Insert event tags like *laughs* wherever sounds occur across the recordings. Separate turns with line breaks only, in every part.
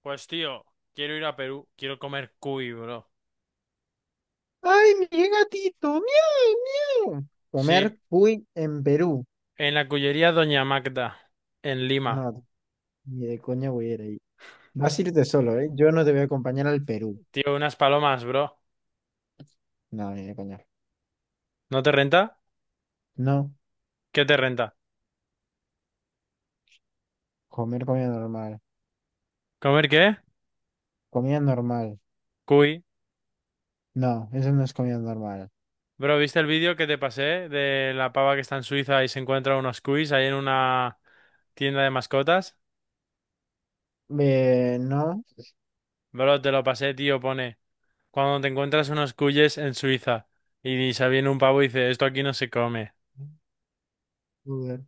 Pues tío, quiero ir a Perú, quiero comer cuy, bro.
Ay, mi gatito, miau, miau.
Sí,
Comer cuy en Perú.
en la cuyería Doña Magda, en Lima.
No, ni de coña voy a ir ahí. Vas a irte solo, ¿eh? Yo no te voy a acompañar al Perú.
Tío, unas palomas, bro.
No, ni de coña.
¿No te renta?
No,
¿Qué te renta?
comer comida normal.
¿Comer qué?
Comida normal.
Cuy.
No, eso no es comida normal.
Bro, ¿viste el vídeo que te pasé de la pava que está en Suiza y se encuentra unos cuis ahí en una tienda de mascotas?
No,
Bro, te lo pasé, tío, pone. Cuando te encuentras unos cuyes en Suiza y se viene un pavo y dice, esto aquí no se come.
joder.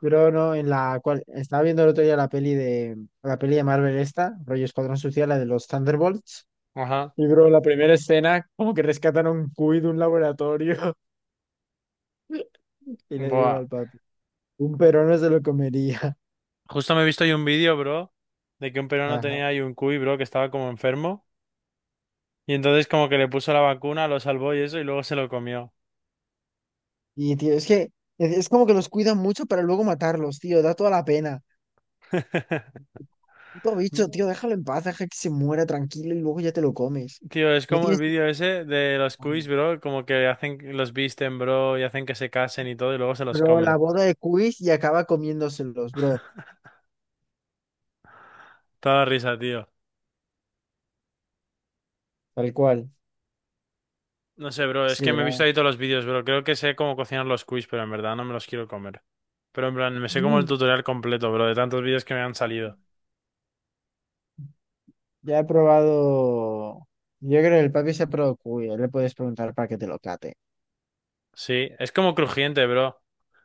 Pero no, en la cual estaba viendo el otro día la peli de Marvel esta, rollo Escuadrón Suicida, la de los Thunderbolts.
Ajá.
Y bro, la primera escena, como que rescatan a un cuy de un laboratorio. *laughs* Y le digo
Buah.
al papi. Un peruano se lo comería. *laughs*
Justo me he visto ahí un vídeo, bro, de que un peruano
Ajá.
tenía ahí un cuy, bro, que estaba como enfermo. Y entonces como que le puso la vacuna, lo salvó y eso, y luego se lo comió.
Y, tío, es que es como que los cuidan mucho para luego matarlos, tío. Da toda la pena.
*laughs*
Puto bicho, tío, déjalo en paz, deja que se muera tranquilo y luego ya te lo comes.
Tío, es
No
como el
tienes que
vídeo ese de los cuis,
matarlo.
bro, como que hacen, los visten, bro, y hacen que se casen y todo, y luego se los
Bro, la
comen.
boda de Quiz y acaba comiéndoselos, bro.
Toda risa, tío.
Tal cual.
No sé, bro,
Es
es
que
que me he visto
ya.
ahí todos los vídeos, bro. Creo que sé cómo cocinar los cuis, pero en verdad no me los quiero comer. Pero en plan, me sé como el
Mm,
tutorial completo, bro, de tantos vídeos que me han salido.
ya he probado. Yo creo que el papi se ha probado cuy. Le puedes preguntar para que te lo cate.
Sí, es como crujiente, bro.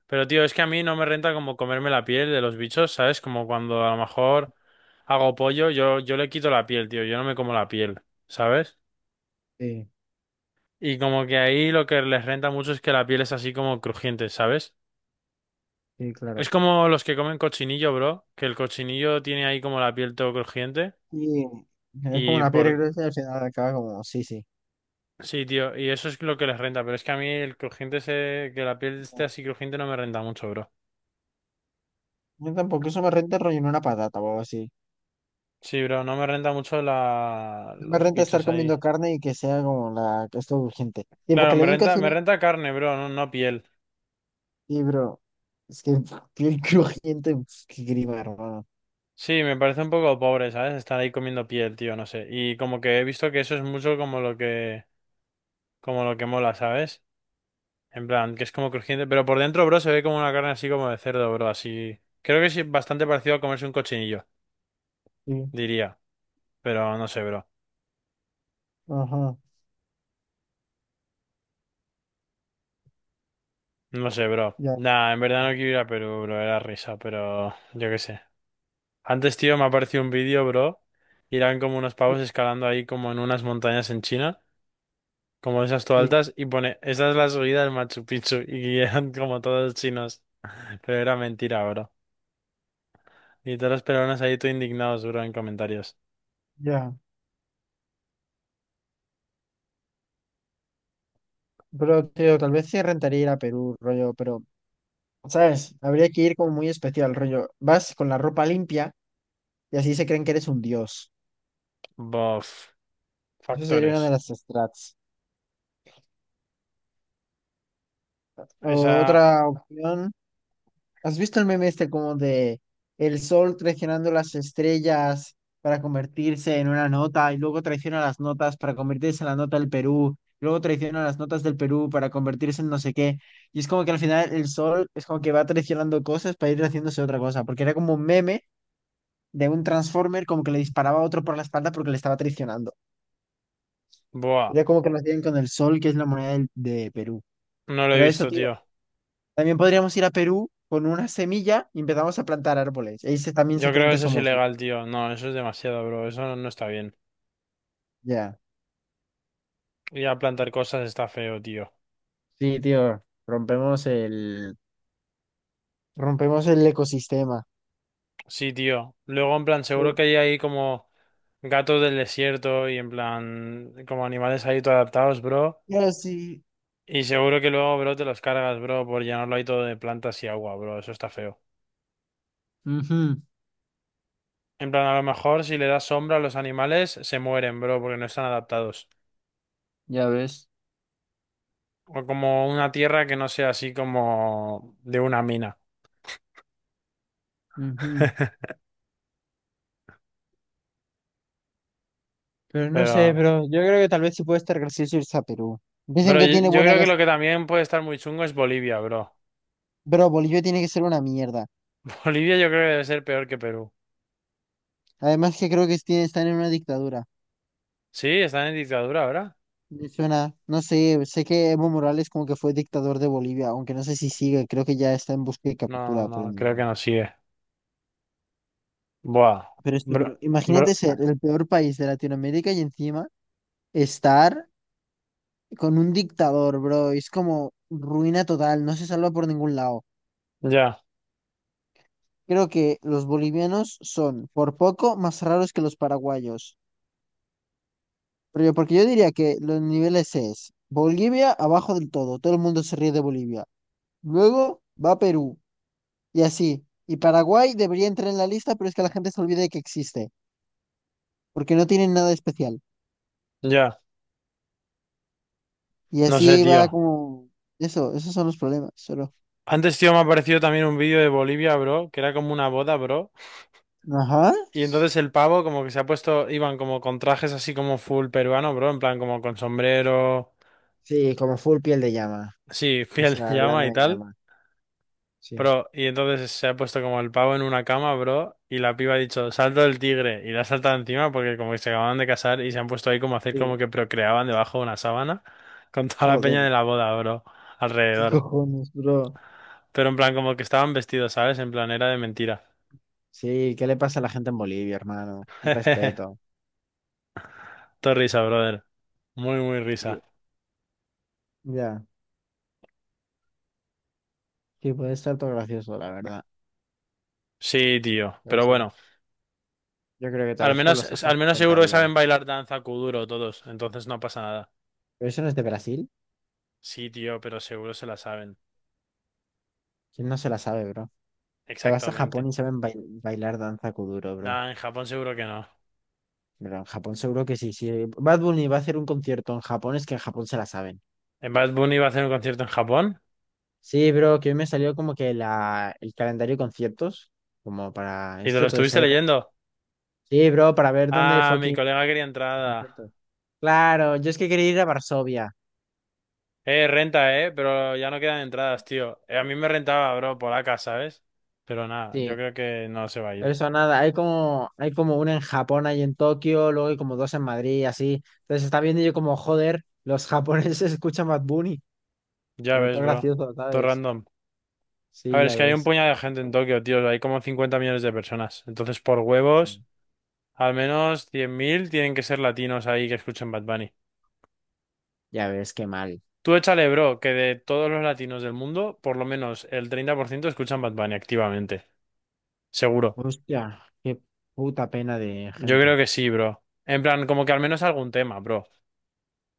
Pero tío, es que a mí no me renta como comerme la piel de los bichos, ¿sabes? Como cuando a lo mejor hago pollo, yo le quito la piel, tío, yo no me como la piel, ¿sabes?
Sí,
Y como que ahí lo que les renta mucho es que la piel es así como crujiente, ¿sabes?
sí,
Es
claro.
como los que comen cochinillo, bro, que el cochinillo tiene ahí como la piel todo crujiente
Y es como
y
una piedra
por...
gruesa y al final acaba como, sí, sí.
Sí, tío, y eso es lo que les renta, pero es que a mí el crujiente ese, que la piel esté así crujiente no me renta mucho, bro.
Yo tampoco, eso me renta rellenar una patata o algo así.
Sí, bro, no me renta mucho la...
No me
los
renta estar
bichos ahí.
comiendo carne y que sea como la que es todo urgente. Y
Claro,
porque la en cocina,
me renta carne, bro, no, no piel.
y bro, es que *laughs* piel crujiente, pf, qué grima, hermano.
Sí, me parece un poco pobre, ¿sabes? Estar ahí comiendo piel, tío, no sé. Y como que he visto que eso es mucho como lo que mola, ¿sabes? En plan, que es como crujiente, pero por dentro, bro, se ve como una carne así como de cerdo, bro, así. Creo que es bastante parecido a comerse un cochinillo,
Sí,
diría. Pero no sé, bro.
ajá,
No sé, bro.
ya,
Nah, en verdad no quiero ir a Perú, bro, era risa, pero yo qué sé. Antes, tío, me apareció un vídeo, bro. Y eran como unos pavos escalando ahí como en unas montañas en China, como de esas todas
sí,
altas, y pone, esa es la subida del Machu Picchu, *laughs* y eran como todos chinos. *laughs* Pero era mentira, bro. Y todos los peruanos ahí todo indignados, bro, en comentarios.
ya. Pero, tío, tal vez sí rentaría ir a Perú, rollo, pero, ¿sabes? Habría que ir como muy especial, rollo. Vas con la ropa limpia y así se creen que eres un dios.
Bof.
Eso sería una de
Factores.
las strats.
Esa...
Otra opción. ¿Has visto el meme este como de el sol traicionando las estrellas para convertirse en una nota y luego traiciona las notas para convertirse en la nota del Perú, luego traiciona las notas del Perú para convertirse en no sé qué? Y es como que al final el sol es como que va traicionando cosas para ir haciéndose otra cosa, porque era como un meme de un Transformer como que le disparaba a otro por la espalda porque le estaba traicionando.
Buah.
Era como que nos dieron con el sol, que es la moneda del- de Perú.
No lo he
Pero eso,
visto,
tío.
tío.
También podríamos ir a Perú con una semilla y empezamos a plantar árboles. Ahí se- también se
Yo
creen
creo que
que
eso es
somos.
ilegal, tío. No, eso es demasiado, bro. Eso no está bien.
Ya.
Ir a plantar cosas está feo, tío.
Sí, tío. Rompemos el ecosistema.
Sí, tío. Luego, en plan, seguro que hay ahí como gatos del desierto y en plan, como animales ahí todo adaptados, bro.
Pero sí.
Y seguro que luego, bro, te los cargas, bro, por llenarlo ahí todo de plantas y agua, bro. Eso está feo.
Ujú,
En plan, a lo mejor si le das sombra a los animales, se mueren, bro, porque no están adaptados.
ya ves.
O como una tierra que no sea así como de una mina.
Ujú.
*laughs*
Pero no sé,
Pero,
bro. Yo creo que tal vez sí puede estar gracioso irse a Perú. Dicen
bro,
que
yo
tiene
yo
buena
creo que
gas.
lo que también puede estar muy chungo es Bolivia, bro.
Bro, Bolivia tiene que ser una mierda.
*laughs* Bolivia yo creo que debe ser peor que Perú.
Además que creo que tiene- están en una dictadura.
Sí, están en dictadura ahora.
Me suena, no sé, sé que Evo Morales como que fue dictador de Bolivia, aunque no sé si sigue, creo que ya está en busca y
No, no,
captura, pero,
no, creo que
ni-
no sigue. Buah,
pero esto,
bro,
pero
bro,
imagínate ser el peor país de Latinoamérica y encima estar con un dictador, bro, es como ruina total, no se salva por ningún lado.
ya,
Creo que los bolivianos son por poco más raros que los paraguayos, pero yo, porque yo diría que los niveles es Bolivia abajo del todo, todo el mundo se ríe de Bolivia. Luego va Perú. Y así. Y Paraguay debería entrar en la lista, pero es que la gente se olvida de que existe, porque no tienen nada especial.
ya,
Y
no sé,
así
tío.
va como... Eso, esos son los problemas, solo.
Antes, tío, me ha aparecido también un vídeo de Bolivia, bro, que era como una boda, bro.
Ajá.
Y entonces el pavo como que se ha puesto, iban como con trajes así como full peruano, bro, en plan como con sombrero,
Sí, como full piel de llama.
sí, *laughs*
O
piel de
sea,
llama
lana
y
de
tal.
llama. Sí.
Bro, y entonces se ha puesto como el pavo en una cama, bro, y la piba ha dicho, salto del tigre, y la ha saltado encima porque como que se acababan de casar y se han puesto ahí como a hacer como
Sí.
que procreaban debajo de una sábana *laughs* con toda la peña de
Joder,
la boda, bro,
qué
alrededor.
cojones, bro.
Pero en plan como que estaban vestidos, ¿sabes? En plan era de mentira.
Sí, ¿qué le pasa a la gente en Bolivia, hermano? Respeto.
*laughs* Todo risa, brother. Muy, muy
Sí.
risa.
Ya, sí, puede estar todo gracioso, la verdad.
Sí, tío.
O
Pero
sea,
bueno,
yo creo que tal vez por los Sajas
al menos seguro que
intentaría.
saben bailar danza kuduro todos, entonces no pasa nada.
¿Pero eso no es de Brasil?
Sí, tío, pero seguro se la saben.
¿Quién no se la sabe, bro? Te vas a Japón
Exactamente.
y saben bailar danza kuduro, bro.
Nah, en Japón seguro que no.
Pero en Japón seguro que sí. Si Bad Bunny va a hacer un concierto en Japón, es que en Japón se la saben.
En Bad Bunny iba a hacer un concierto en Japón.
Sí, bro, que hoy me salió como que el calendario de conciertos, como para
¿Y te
esto,
lo
entonces
estuviste
ahí...
leyendo?
Sí, bro, para ver dónde
Ah, mi
fucking...
colega quería entrada.
conciertos. Claro, yo es que quería ir a Varsovia.
Renta, pero ya no quedan entradas, tío. A mí me rentaba, bro, por acá, ¿sabes? Pero nada, yo
Sí,
creo que no se va a
pero
ir.
eso nada, hay como una en Japón, hay en Tokio, luego hay como dos en Madrid, y así. Entonces está viendo yo como, joder, los japoneses *laughs* escuchan Bad Bunny.
Ya
Como
ves,
todo
bro.
gracioso,
Todo
¿sabes?
random. A
Sí,
ver,
ya
es que hay un
ves.
puñado de gente en Tokio, tío. Hay como 50 millones de personas. Entonces, por huevos, al menos 100.000 tienen que ser latinos ahí que escuchen Bad Bunny.
Ya ves, qué mal.
Tú échale, bro, que de todos los latinos del mundo, por lo menos el 30% escuchan Bad Bunny activamente. Seguro.
Hostia, qué puta pena de
Yo creo
gente.
que sí, bro. En plan, como que al menos algún tema, bro.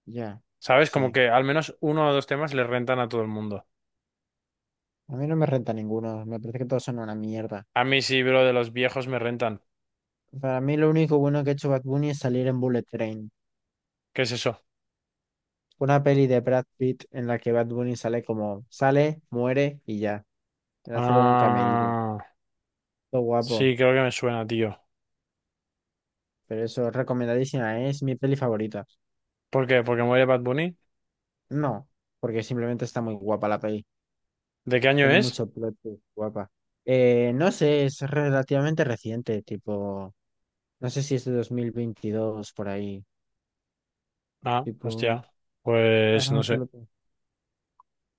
Ya,
¿Sabes? Como
sí.
que al menos uno o dos temas le rentan a todo el mundo.
A mí no me renta ninguno, me parece que todos son una mierda.
A mí sí, bro, de los viejos me rentan.
Para mí lo único bueno que ha hecho Bad Bunny es salir en Bullet Train.
¿Qué es eso?
Una peli de Brad Pitt en la que Bad Bunny sale como, sale, muere y ya. Le hace como un cameíde.
Ah,
Todo guapo.
sí, creo que me suena, tío.
Pero eso, recomendadísima, ¿eh? Es mi peli favorita.
¿Por qué? ¿Porque muere Bad Bunny?
No, porque simplemente está muy guapa la peli.
¿De qué año
Tiene
es?
mucho plot, twist, guapa. No sé, es relativamente reciente, tipo. No sé si es de 2022 por ahí.
Ah,
Tipo,
hostia. Pues no
ajá, ¿qué
sé.
lo que-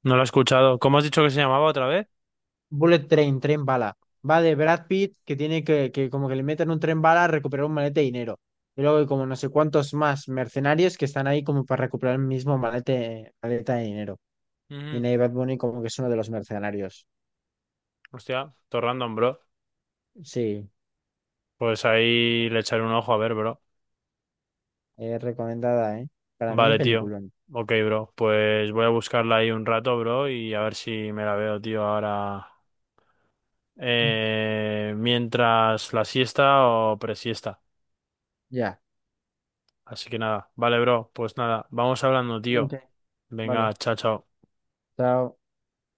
No lo he escuchado. ¿Cómo has dicho que se llamaba otra vez?
Bullet Train, tren bala. Va de Brad Pitt que tiene que como que le meten un tren bala a recuperar un malete de dinero. Y luego hay como no sé cuántos más mercenarios que están ahí como para recuperar el mismo malete, maleta de dinero. Y
Ujú.
Nate Bad Bunny como que es uno de los mercenarios.
Hostia, todo random, bro.
Sí,
Pues ahí le echaré un ojo a ver, bro.
recomendada, ¿eh? Para mí,
Vale, tío.
peliculón.
Ok, bro. Pues voy a buscarla ahí un rato, bro, y a ver si me la veo, tío, ahora. Mientras la siesta o presiesta.
Ya.
Así que nada. Vale, bro. Pues nada, vamos hablando,
Ok,
tío.
vale.
Venga, chao, chao.
Chao.